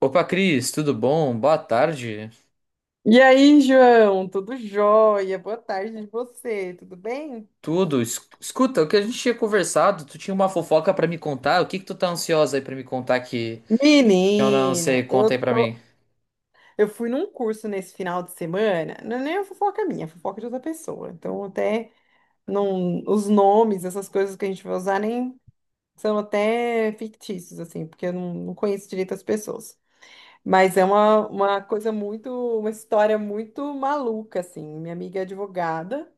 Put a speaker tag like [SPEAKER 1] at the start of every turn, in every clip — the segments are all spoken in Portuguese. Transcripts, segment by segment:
[SPEAKER 1] Opa, Cris, tudo bom? Boa tarde.
[SPEAKER 2] E aí, João, tudo jóia? Boa tarde de você, tudo bem?
[SPEAKER 1] Tudo. Escuta, o que a gente tinha conversado, tu tinha uma fofoca pra me contar? O que que tu tá ansiosa aí pra me contar que eu não sei?
[SPEAKER 2] Menino, eu
[SPEAKER 1] Conta aí pra mim.
[SPEAKER 2] tô. Eu fui num curso nesse final de semana, não é nem a fofoca minha, é a fofoca de outra pessoa. Então, até não, os nomes, essas coisas que a gente vai usar, nem são até fictícios, assim, porque eu não conheço direito as pessoas. Mas é uma coisa muito, uma história muito maluca, assim. Minha amiga é advogada.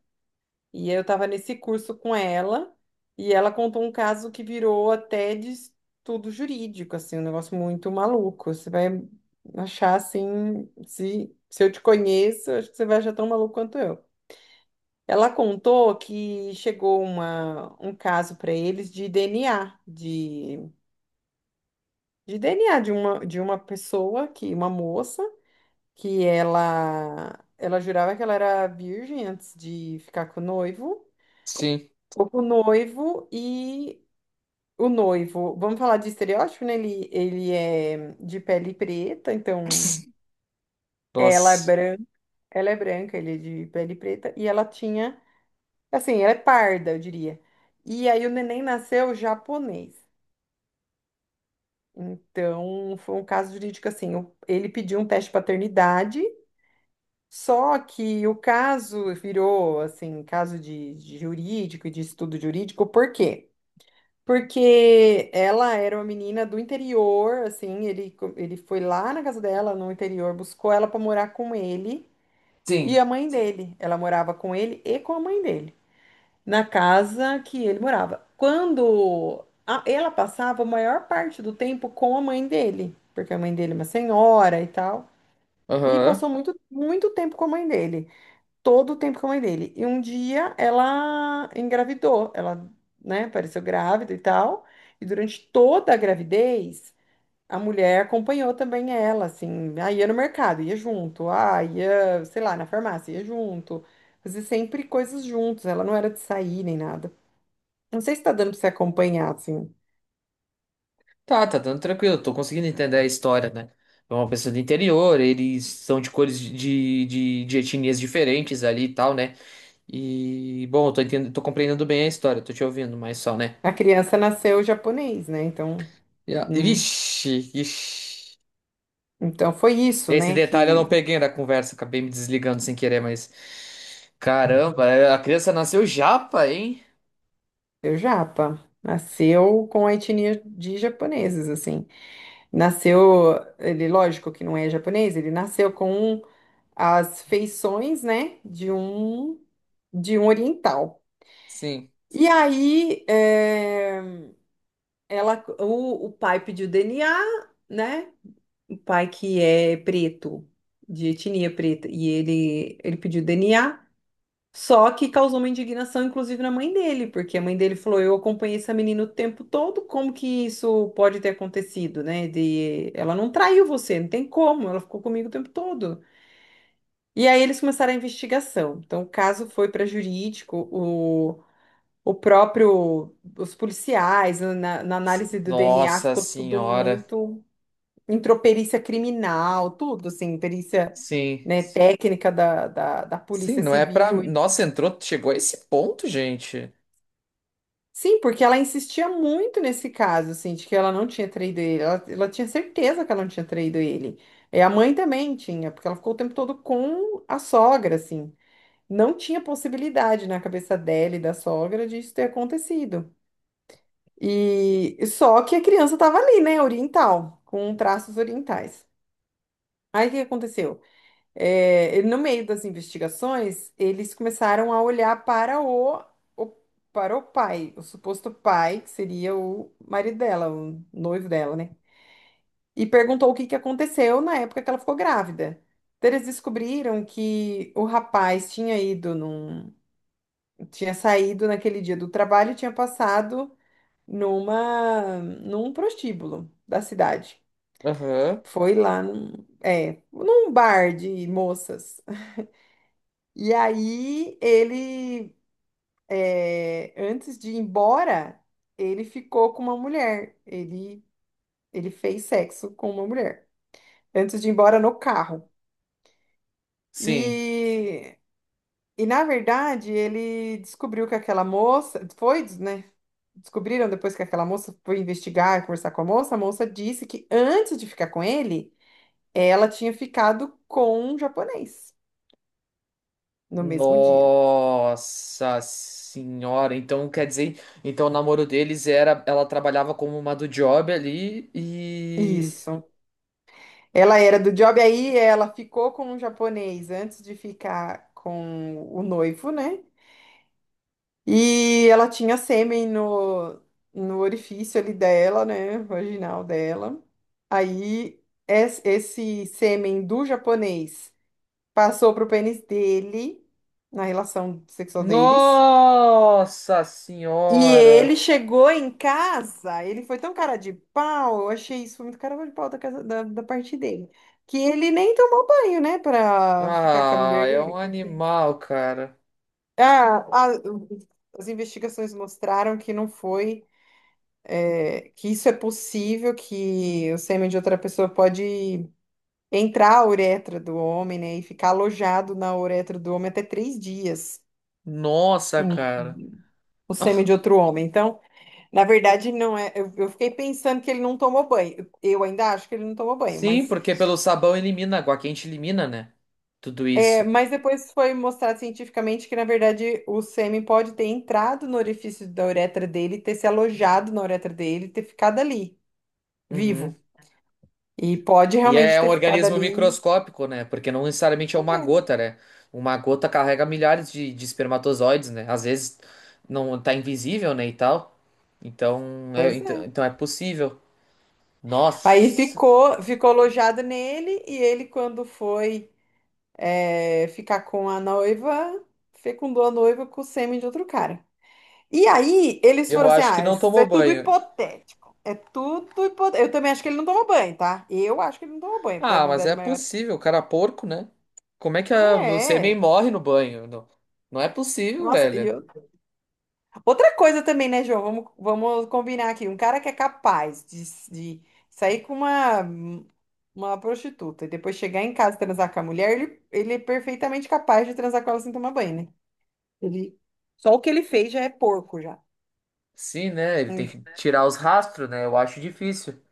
[SPEAKER 2] E eu estava nesse curso com ela, e ela contou um caso que virou até de estudo jurídico, assim, um negócio muito maluco. Você vai achar assim, se eu te conheço, acho que você vai achar tão maluco quanto eu. Ela contou que chegou uma, um caso para eles de DNA, de DNA de uma pessoa, que uma moça, que ela jurava que ela era virgem antes de ficar com o noivo.
[SPEAKER 1] Sim.
[SPEAKER 2] Ficou com o noivo e o noivo, vamos falar de estereótipo, né? Ele é de pele preta, então
[SPEAKER 1] Pss.
[SPEAKER 2] ela é
[SPEAKER 1] Nossa.
[SPEAKER 2] branca, ela é branca, ele é de pele preta, e ela tinha, assim, ela é parda, eu diria. E aí o neném nasceu japonês. Então, foi um caso jurídico assim, ele pediu um teste de paternidade, só que o caso virou, assim, caso de jurídico e de estudo jurídico, por quê? Porque ela era uma menina do interior, assim, ele foi lá na casa dela, no interior, buscou ela para morar com ele e
[SPEAKER 1] Sim.
[SPEAKER 2] a mãe dele. Ela morava com ele e com a mãe dele, na casa que ele morava. Ela passava a maior parte do tempo com a mãe dele, porque a mãe dele é uma senhora e tal, e
[SPEAKER 1] Aham.
[SPEAKER 2] passou muito, muito tempo com a mãe dele todo o tempo com a mãe dele. E um dia ela engravidou, ela, né, apareceu grávida e tal. E durante toda a gravidez, a mulher acompanhou também ela, assim, ia no mercado, ia junto, ia, sei lá, na farmácia, ia junto. Fazia sempre coisas juntos, ela não era de sair nem nada. Não sei se tá dando pra você acompanhar, assim.
[SPEAKER 1] Tá, tá dando tranquilo. Tô conseguindo entender a história, né? É uma pessoa do interior, eles são de cores de etnias diferentes ali e tal, né? E, bom, eu tô entendendo, tô compreendendo bem a história, tô te ouvindo, mas só, né?
[SPEAKER 2] A criança nasceu japonês, né? Então, hum,
[SPEAKER 1] Vixe, vixe.
[SPEAKER 2] então foi isso,
[SPEAKER 1] Esse
[SPEAKER 2] né,
[SPEAKER 1] detalhe eu não
[SPEAKER 2] que
[SPEAKER 1] peguei da conversa, acabei me desligando sem querer, mas. Caramba, é, a criança nasceu japa, hein?
[SPEAKER 2] deu japa. Nasceu com a etnia de japoneses, assim. Nasceu, ele, lógico que não é japonês, ele nasceu com as feições, né, de um oriental.
[SPEAKER 1] Sim.
[SPEAKER 2] E aí, ela, o pai pediu DNA, né? O pai que é preto, de etnia preta, e ele pediu DNA. Só que causou uma indignação, inclusive, na mãe dele, porque a mãe dele falou: Eu acompanhei essa menina o tempo todo, como que isso pode ter acontecido, né? De... Ela não traiu você, não tem como, ela ficou comigo o tempo todo. E aí eles começaram a investigação. Então o caso foi para jurídico, o próprio, os policiais, na análise do DNA,
[SPEAKER 1] Nossa
[SPEAKER 2] ficou tudo
[SPEAKER 1] senhora.
[SPEAKER 2] muito. Entrou perícia criminal, tudo, assim, perícia,
[SPEAKER 1] Sim.
[SPEAKER 2] né, técnica da
[SPEAKER 1] Sim,
[SPEAKER 2] Polícia
[SPEAKER 1] não é pra.
[SPEAKER 2] Civil.
[SPEAKER 1] Nossa, entrou, chegou a esse ponto, gente.
[SPEAKER 2] Sim, porque ela insistia muito nesse caso, assim, de que ela não tinha traído ele. Ela tinha certeza que ela não tinha traído ele. E a mãe também tinha, porque ela ficou o tempo todo com a sogra, assim. Não tinha possibilidade na cabeça dela e da sogra de isso ter acontecido. E só que a criança estava ali, né, oriental, com traços orientais. Aí o que aconteceu? No meio das investigações, eles começaram a olhar para o- para o pai, o suposto pai, que seria o marido dela, o noivo dela, né? E perguntou o que que aconteceu na época que ela ficou grávida. Então, eles descobriram que o rapaz tinha ido num, tinha saído naquele dia do trabalho e tinha passado num prostíbulo da cidade.
[SPEAKER 1] Aham.
[SPEAKER 2] Foi lá num, num bar de moças. E aí ele, antes de ir embora, ele ficou com uma mulher. Ele fez sexo com uma mulher. Antes de ir embora no carro.
[SPEAKER 1] Sim.
[SPEAKER 2] E, e na verdade, ele descobriu que aquela moça. Foi, né? Descobriram depois que aquela moça foi investigar, conversar com a moça. A moça disse que antes de ficar com ele, ela tinha ficado com um japonês no mesmo dia.
[SPEAKER 1] Nossa senhora. Então quer dizer, então o namoro deles era. Ela trabalhava como uma do job ali e.
[SPEAKER 2] Isso. Ela era do job, aí ela ficou com um japonês antes de ficar com o noivo, né? E ela tinha sêmen no orifício ali dela, né? Vaginal dela. Aí esse sêmen do japonês passou pro pênis dele, na relação sexual deles.
[SPEAKER 1] Nossa
[SPEAKER 2] E
[SPEAKER 1] senhora.
[SPEAKER 2] ele chegou em casa, ele foi tão cara de pau, eu achei isso foi muito cara de pau da parte dele, que ele nem tomou banho, né, pra ficar com a
[SPEAKER 1] Ah,
[SPEAKER 2] mulher
[SPEAKER 1] é
[SPEAKER 2] dele,
[SPEAKER 1] um
[SPEAKER 2] porque...
[SPEAKER 1] animal, cara.
[SPEAKER 2] Ah, a- As investigações mostraram que não foi, que isso é possível, que o sêmen de outra pessoa pode entrar a uretra do homem, né, e ficar alojado na uretra do homem até 3 dias,
[SPEAKER 1] Nossa,
[SPEAKER 2] hum,
[SPEAKER 1] cara.
[SPEAKER 2] o sêmen de outro homem, então... Na verdade, não é. Eu fiquei pensando que ele não tomou banho. Eu ainda acho que ele não tomou banho,
[SPEAKER 1] Sim,
[SPEAKER 2] mas,
[SPEAKER 1] porque pelo sabão elimina, água quente elimina, né? Tudo isso.
[SPEAKER 2] mas depois foi mostrado cientificamente que, na verdade, o sêmen pode ter entrado no orifício da uretra dele, ter se alojado na uretra dele, ter ficado ali,
[SPEAKER 1] Uhum.
[SPEAKER 2] vivo. E pode
[SPEAKER 1] E
[SPEAKER 2] realmente
[SPEAKER 1] é um
[SPEAKER 2] ter ficado
[SPEAKER 1] organismo
[SPEAKER 2] ali.
[SPEAKER 1] microscópico, né? Porque não necessariamente é uma
[SPEAKER 2] É,
[SPEAKER 1] gota, né? Uma gota carrega milhares de espermatozoides, né? Às vezes não tá invisível, né? E tal. Então é,
[SPEAKER 2] pois
[SPEAKER 1] então,
[SPEAKER 2] é.
[SPEAKER 1] então é possível.
[SPEAKER 2] Aí
[SPEAKER 1] Nossa,
[SPEAKER 2] ficou, ficou alojado nele, e ele, quando foi, ficar com a noiva, fecundou a noiva com o sêmen de outro cara. E aí, eles
[SPEAKER 1] eu
[SPEAKER 2] foram assim:
[SPEAKER 1] acho que
[SPEAKER 2] ah,
[SPEAKER 1] não
[SPEAKER 2] isso
[SPEAKER 1] tomou
[SPEAKER 2] é tudo
[SPEAKER 1] banho.
[SPEAKER 2] hipotético. É tudo hipotético. Eu também acho que ele não tomou banho, tá? Eu acho que ele não tomou banho.
[SPEAKER 1] Ah, mas
[SPEAKER 2] Probabilidade
[SPEAKER 1] é
[SPEAKER 2] maior.
[SPEAKER 1] possível, o cara é porco, né? Como é que a... o sêmen
[SPEAKER 2] É.
[SPEAKER 1] morre no banho? Não, não é possível,
[SPEAKER 2] Nossa, e
[SPEAKER 1] velho.
[SPEAKER 2] eu- outra coisa também, né, João? Vamos combinar aqui. Um cara que é capaz de sair com uma prostituta e depois chegar em casa e transar com a mulher, ele é perfeitamente capaz de transar com ela sem tomar banho, né? Ele, só o que ele fez já é porco, já.
[SPEAKER 1] Sim, né? Ele tem
[SPEAKER 2] Né?
[SPEAKER 1] que tirar os rastros, né? Eu acho difícil.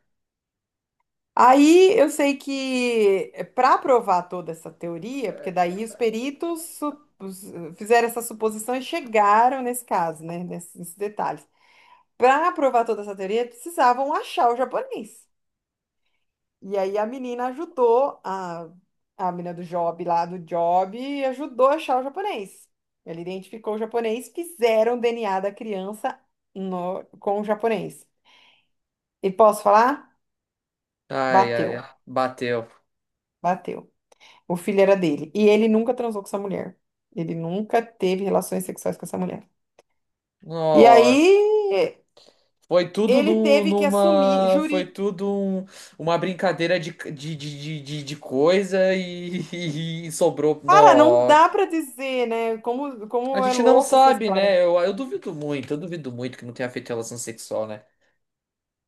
[SPEAKER 2] Aí eu sei que para provar toda essa teoria, porque daí os peritos su- os- fizeram essa suposição e chegaram nesse caso, né, nesses detalhes. Para provar toda essa teoria, precisavam achar o japonês. E aí a menina ajudou a menina do Job lá do Job ajudou a achar o japonês. Ele identificou o japonês, fizeram o DNA da criança com o japonês. E posso falar?
[SPEAKER 1] Ai, ai,
[SPEAKER 2] Bateu,
[SPEAKER 1] ai. Bateu.
[SPEAKER 2] bateu. O filho era dele. E ele nunca transou com essa mulher. Ele nunca teve relações sexuais com essa mulher. E aí
[SPEAKER 1] Nossa. Foi tudo
[SPEAKER 2] ele
[SPEAKER 1] num-
[SPEAKER 2] teve que assumir
[SPEAKER 1] numa.
[SPEAKER 2] juri.
[SPEAKER 1] Uma brincadeira de coisa e, e sobrou.
[SPEAKER 2] Cara, não
[SPEAKER 1] Nossa.
[SPEAKER 2] dá pra dizer, né? Como,
[SPEAKER 1] A
[SPEAKER 2] como é
[SPEAKER 1] gente não
[SPEAKER 2] louca essa
[SPEAKER 1] sabe,
[SPEAKER 2] história.
[SPEAKER 1] né? Eu duvido muito, eu duvido muito que não tenha feito relação sexual, né?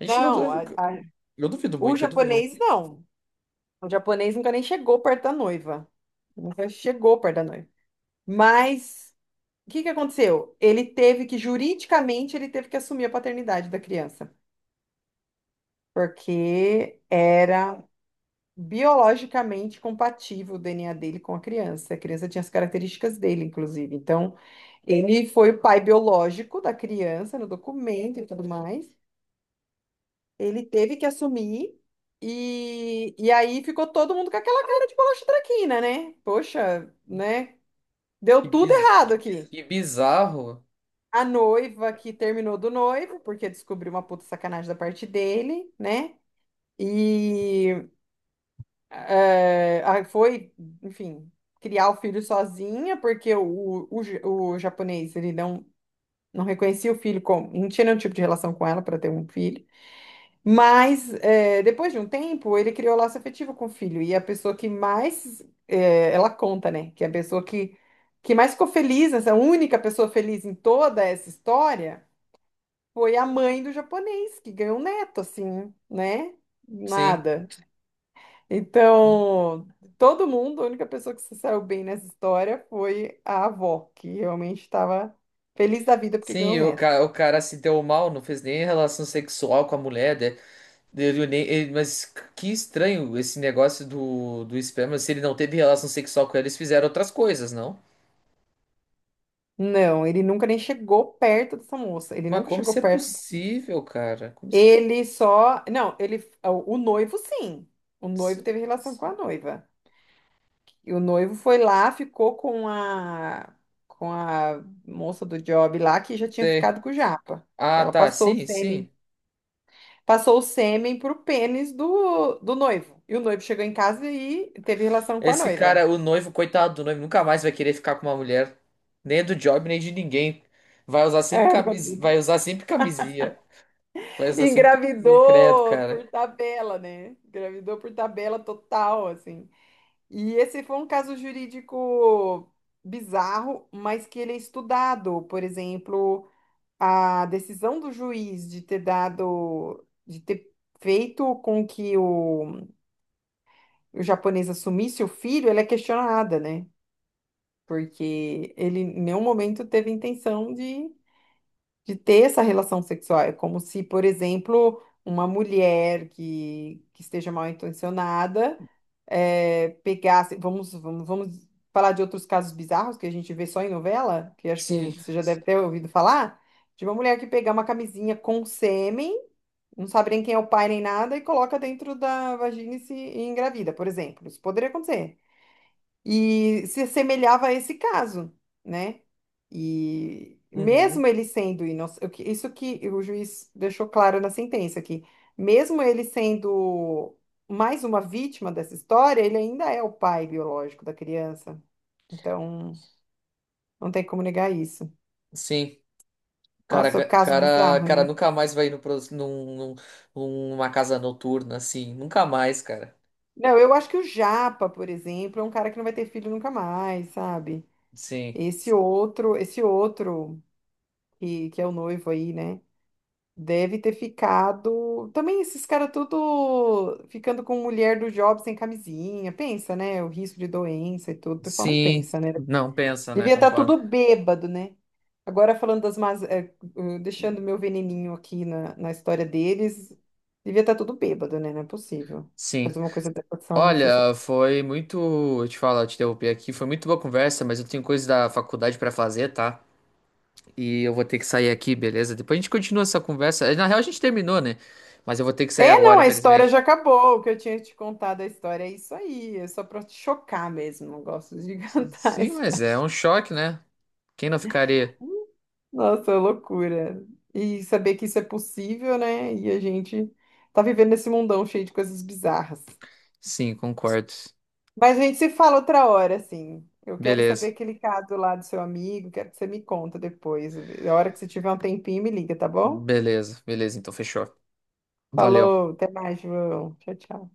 [SPEAKER 1] A gente não.
[SPEAKER 2] Não,
[SPEAKER 1] duvida. Eu duvido
[SPEAKER 2] o
[SPEAKER 1] muito, eu duvido
[SPEAKER 2] japonês
[SPEAKER 1] muito.
[SPEAKER 2] não. O japonês nunca nem chegou perto da noiva. Nunca chegou perto da noiva. Mas o que que aconteceu? Ele teve que, juridicamente, ele teve que assumir a paternidade da criança. Porque era biologicamente compatível o DNA dele com a criança. A criança tinha as características dele, inclusive. Então, ele foi o pai biológico da criança no documento e tudo mais. Ele teve que assumir. E aí ficou todo mundo com aquela cara de bolacha traquina, né? Poxa, né?
[SPEAKER 1] Que,
[SPEAKER 2] Deu tudo
[SPEAKER 1] biz...
[SPEAKER 2] errado aqui.
[SPEAKER 1] que bizarro.
[SPEAKER 2] A noiva que terminou do noivo, porque descobriu uma puta sacanagem da parte dele, né? E foi, enfim, criar o filho sozinha, porque o japonês, ele não, não reconhecia o filho, como, não tinha nenhum tipo de relação com ela para ter um filho. Mas, é, depois de um tempo, ele criou laço afetivo com o filho. E a pessoa que mais, é, ela conta, né? Que é a pessoa que mais ficou feliz, essa única pessoa feliz em toda essa história, foi a mãe do japonês, que ganhou um neto, assim, né?
[SPEAKER 1] Sim.
[SPEAKER 2] Nada. Então, todo mundo, a única pessoa que se saiu bem nessa história foi a avó, que realmente estava feliz da vida porque ganhou um
[SPEAKER 1] Sim,
[SPEAKER 2] neto.
[SPEAKER 1] o cara se deu mal, não fez nem relação sexual com a mulher, né? Ele nem, ele- mas que estranho esse negócio do esperma. Se ele não teve relação sexual com ela, eles fizeram outras coisas, não?
[SPEAKER 2] Não, ele nunca nem chegou perto dessa moça. Ele
[SPEAKER 1] Mas
[SPEAKER 2] nunca
[SPEAKER 1] como
[SPEAKER 2] chegou
[SPEAKER 1] isso é
[SPEAKER 2] perto.
[SPEAKER 1] possível, cara? Como isso
[SPEAKER 2] Ele só. Não, ele. O noivo, sim. O noivo
[SPEAKER 1] se-
[SPEAKER 2] teve relação com a noiva. E o noivo foi lá, ficou com a. Com a moça do job lá, que já tinha
[SPEAKER 1] se-
[SPEAKER 2] ficado com o Japa. Que
[SPEAKER 1] Ah,
[SPEAKER 2] ela
[SPEAKER 1] tá,
[SPEAKER 2] passou o
[SPEAKER 1] sim,
[SPEAKER 2] sêmen
[SPEAKER 1] sim.
[SPEAKER 2] passou o sêmen pro pênis do noivo. E o noivo chegou em casa e teve relação com a
[SPEAKER 1] Esse
[SPEAKER 2] noiva.
[SPEAKER 1] cara, o noivo, coitado do noivo, nunca mais vai querer ficar com uma mulher. Nem do job, nem de ninguém.
[SPEAKER 2] É,
[SPEAKER 1] Vai usar sempre camisinha. Mas assim fica credo,
[SPEAKER 2] engravidou
[SPEAKER 1] cara.
[SPEAKER 2] por tabela, né? Engravidou por tabela total, assim. E esse foi um caso jurídico bizarro, mas que ele é estudado. Por exemplo, a decisão do juiz de ter dado, de ter feito com que o japonês assumisse o filho, ela é questionada, né? Porque ele em nenhum momento teve intenção de ter essa relação sexual. É como se, por exemplo, uma mulher que esteja mal intencionada eh, pegasse. Vamos falar de outros casos bizarros que a gente vê só em novela, que acho que
[SPEAKER 1] Sim.
[SPEAKER 2] você já deve ter ouvido falar, de uma mulher que pegar uma camisinha com sêmen. Não sabe nem quem é o pai nem nada e coloca dentro da vagina e se e engravida, por exemplo. Isso poderia acontecer. E se assemelhava a esse caso, né? E
[SPEAKER 1] Uhum.
[SPEAKER 2] mesmo ele sendo inocente, isso que o juiz deixou claro na sentença, que mesmo ele sendo mais uma vítima dessa história, ele ainda é o pai biológico da criança. Então, não tem como negar isso.
[SPEAKER 1] Sim.
[SPEAKER 2] Nossa, caso
[SPEAKER 1] Cara,
[SPEAKER 2] bizarro,
[SPEAKER 1] cara,
[SPEAKER 2] né?
[SPEAKER 1] nunca mais vai ir no, pro- num, num- numa casa noturna, assim. Nunca mais, cara.
[SPEAKER 2] Não, eu acho que o Japa, por exemplo, é um cara que não vai ter filho nunca mais, sabe?
[SPEAKER 1] Sim.
[SPEAKER 2] Esse outro que é o noivo aí, né? Deve ter ficado. Também esses caras tudo ficando com mulher do job sem camisinha. Pensa, né? O risco de doença e tudo. O pessoal não
[SPEAKER 1] Sim.
[SPEAKER 2] pensa, né?
[SPEAKER 1] Não pensa, né?
[SPEAKER 2] Devia estar
[SPEAKER 1] Concordo.
[SPEAKER 2] tudo bêbado, né? Agora falando das más. Deixando meu veneninho aqui na história deles. Devia estar tudo bêbado, né? Não é possível.
[SPEAKER 1] Sim.
[SPEAKER 2] Fazer uma coisa dessa, não sei se é
[SPEAKER 1] Olha,
[SPEAKER 2] possível.
[SPEAKER 1] foi muito. Eu te falo, eu te interrompi aqui. Foi muito boa conversa, mas eu tenho coisa da faculdade pra fazer, tá? E eu vou ter que sair aqui, beleza? Depois a gente continua essa conversa. Na real, a gente terminou, né? Mas eu vou ter que sair
[SPEAKER 2] É, não,
[SPEAKER 1] agora,
[SPEAKER 2] a história já
[SPEAKER 1] infelizmente.
[SPEAKER 2] acabou. O que eu tinha te contado a história é isso aí. É só pra te chocar mesmo. Não gosto de cantar a
[SPEAKER 1] Sim, mas
[SPEAKER 2] história.
[SPEAKER 1] é um choque, né? Quem não ficaria?
[SPEAKER 2] Nossa, é loucura. E saber que isso é possível, né? E a gente tá vivendo nesse mundão cheio de coisas bizarras.
[SPEAKER 1] Sim, concordo.
[SPEAKER 2] Mas a gente se fala outra hora, assim. Eu quero saber
[SPEAKER 1] Beleza,
[SPEAKER 2] aquele caso lá do seu amigo, quero que você me conta depois. A hora que você tiver um tempinho, me liga, tá bom?
[SPEAKER 1] beleza. Então fechou. Valeu.
[SPEAKER 2] Falou, até mais, João. Tchau, tchau.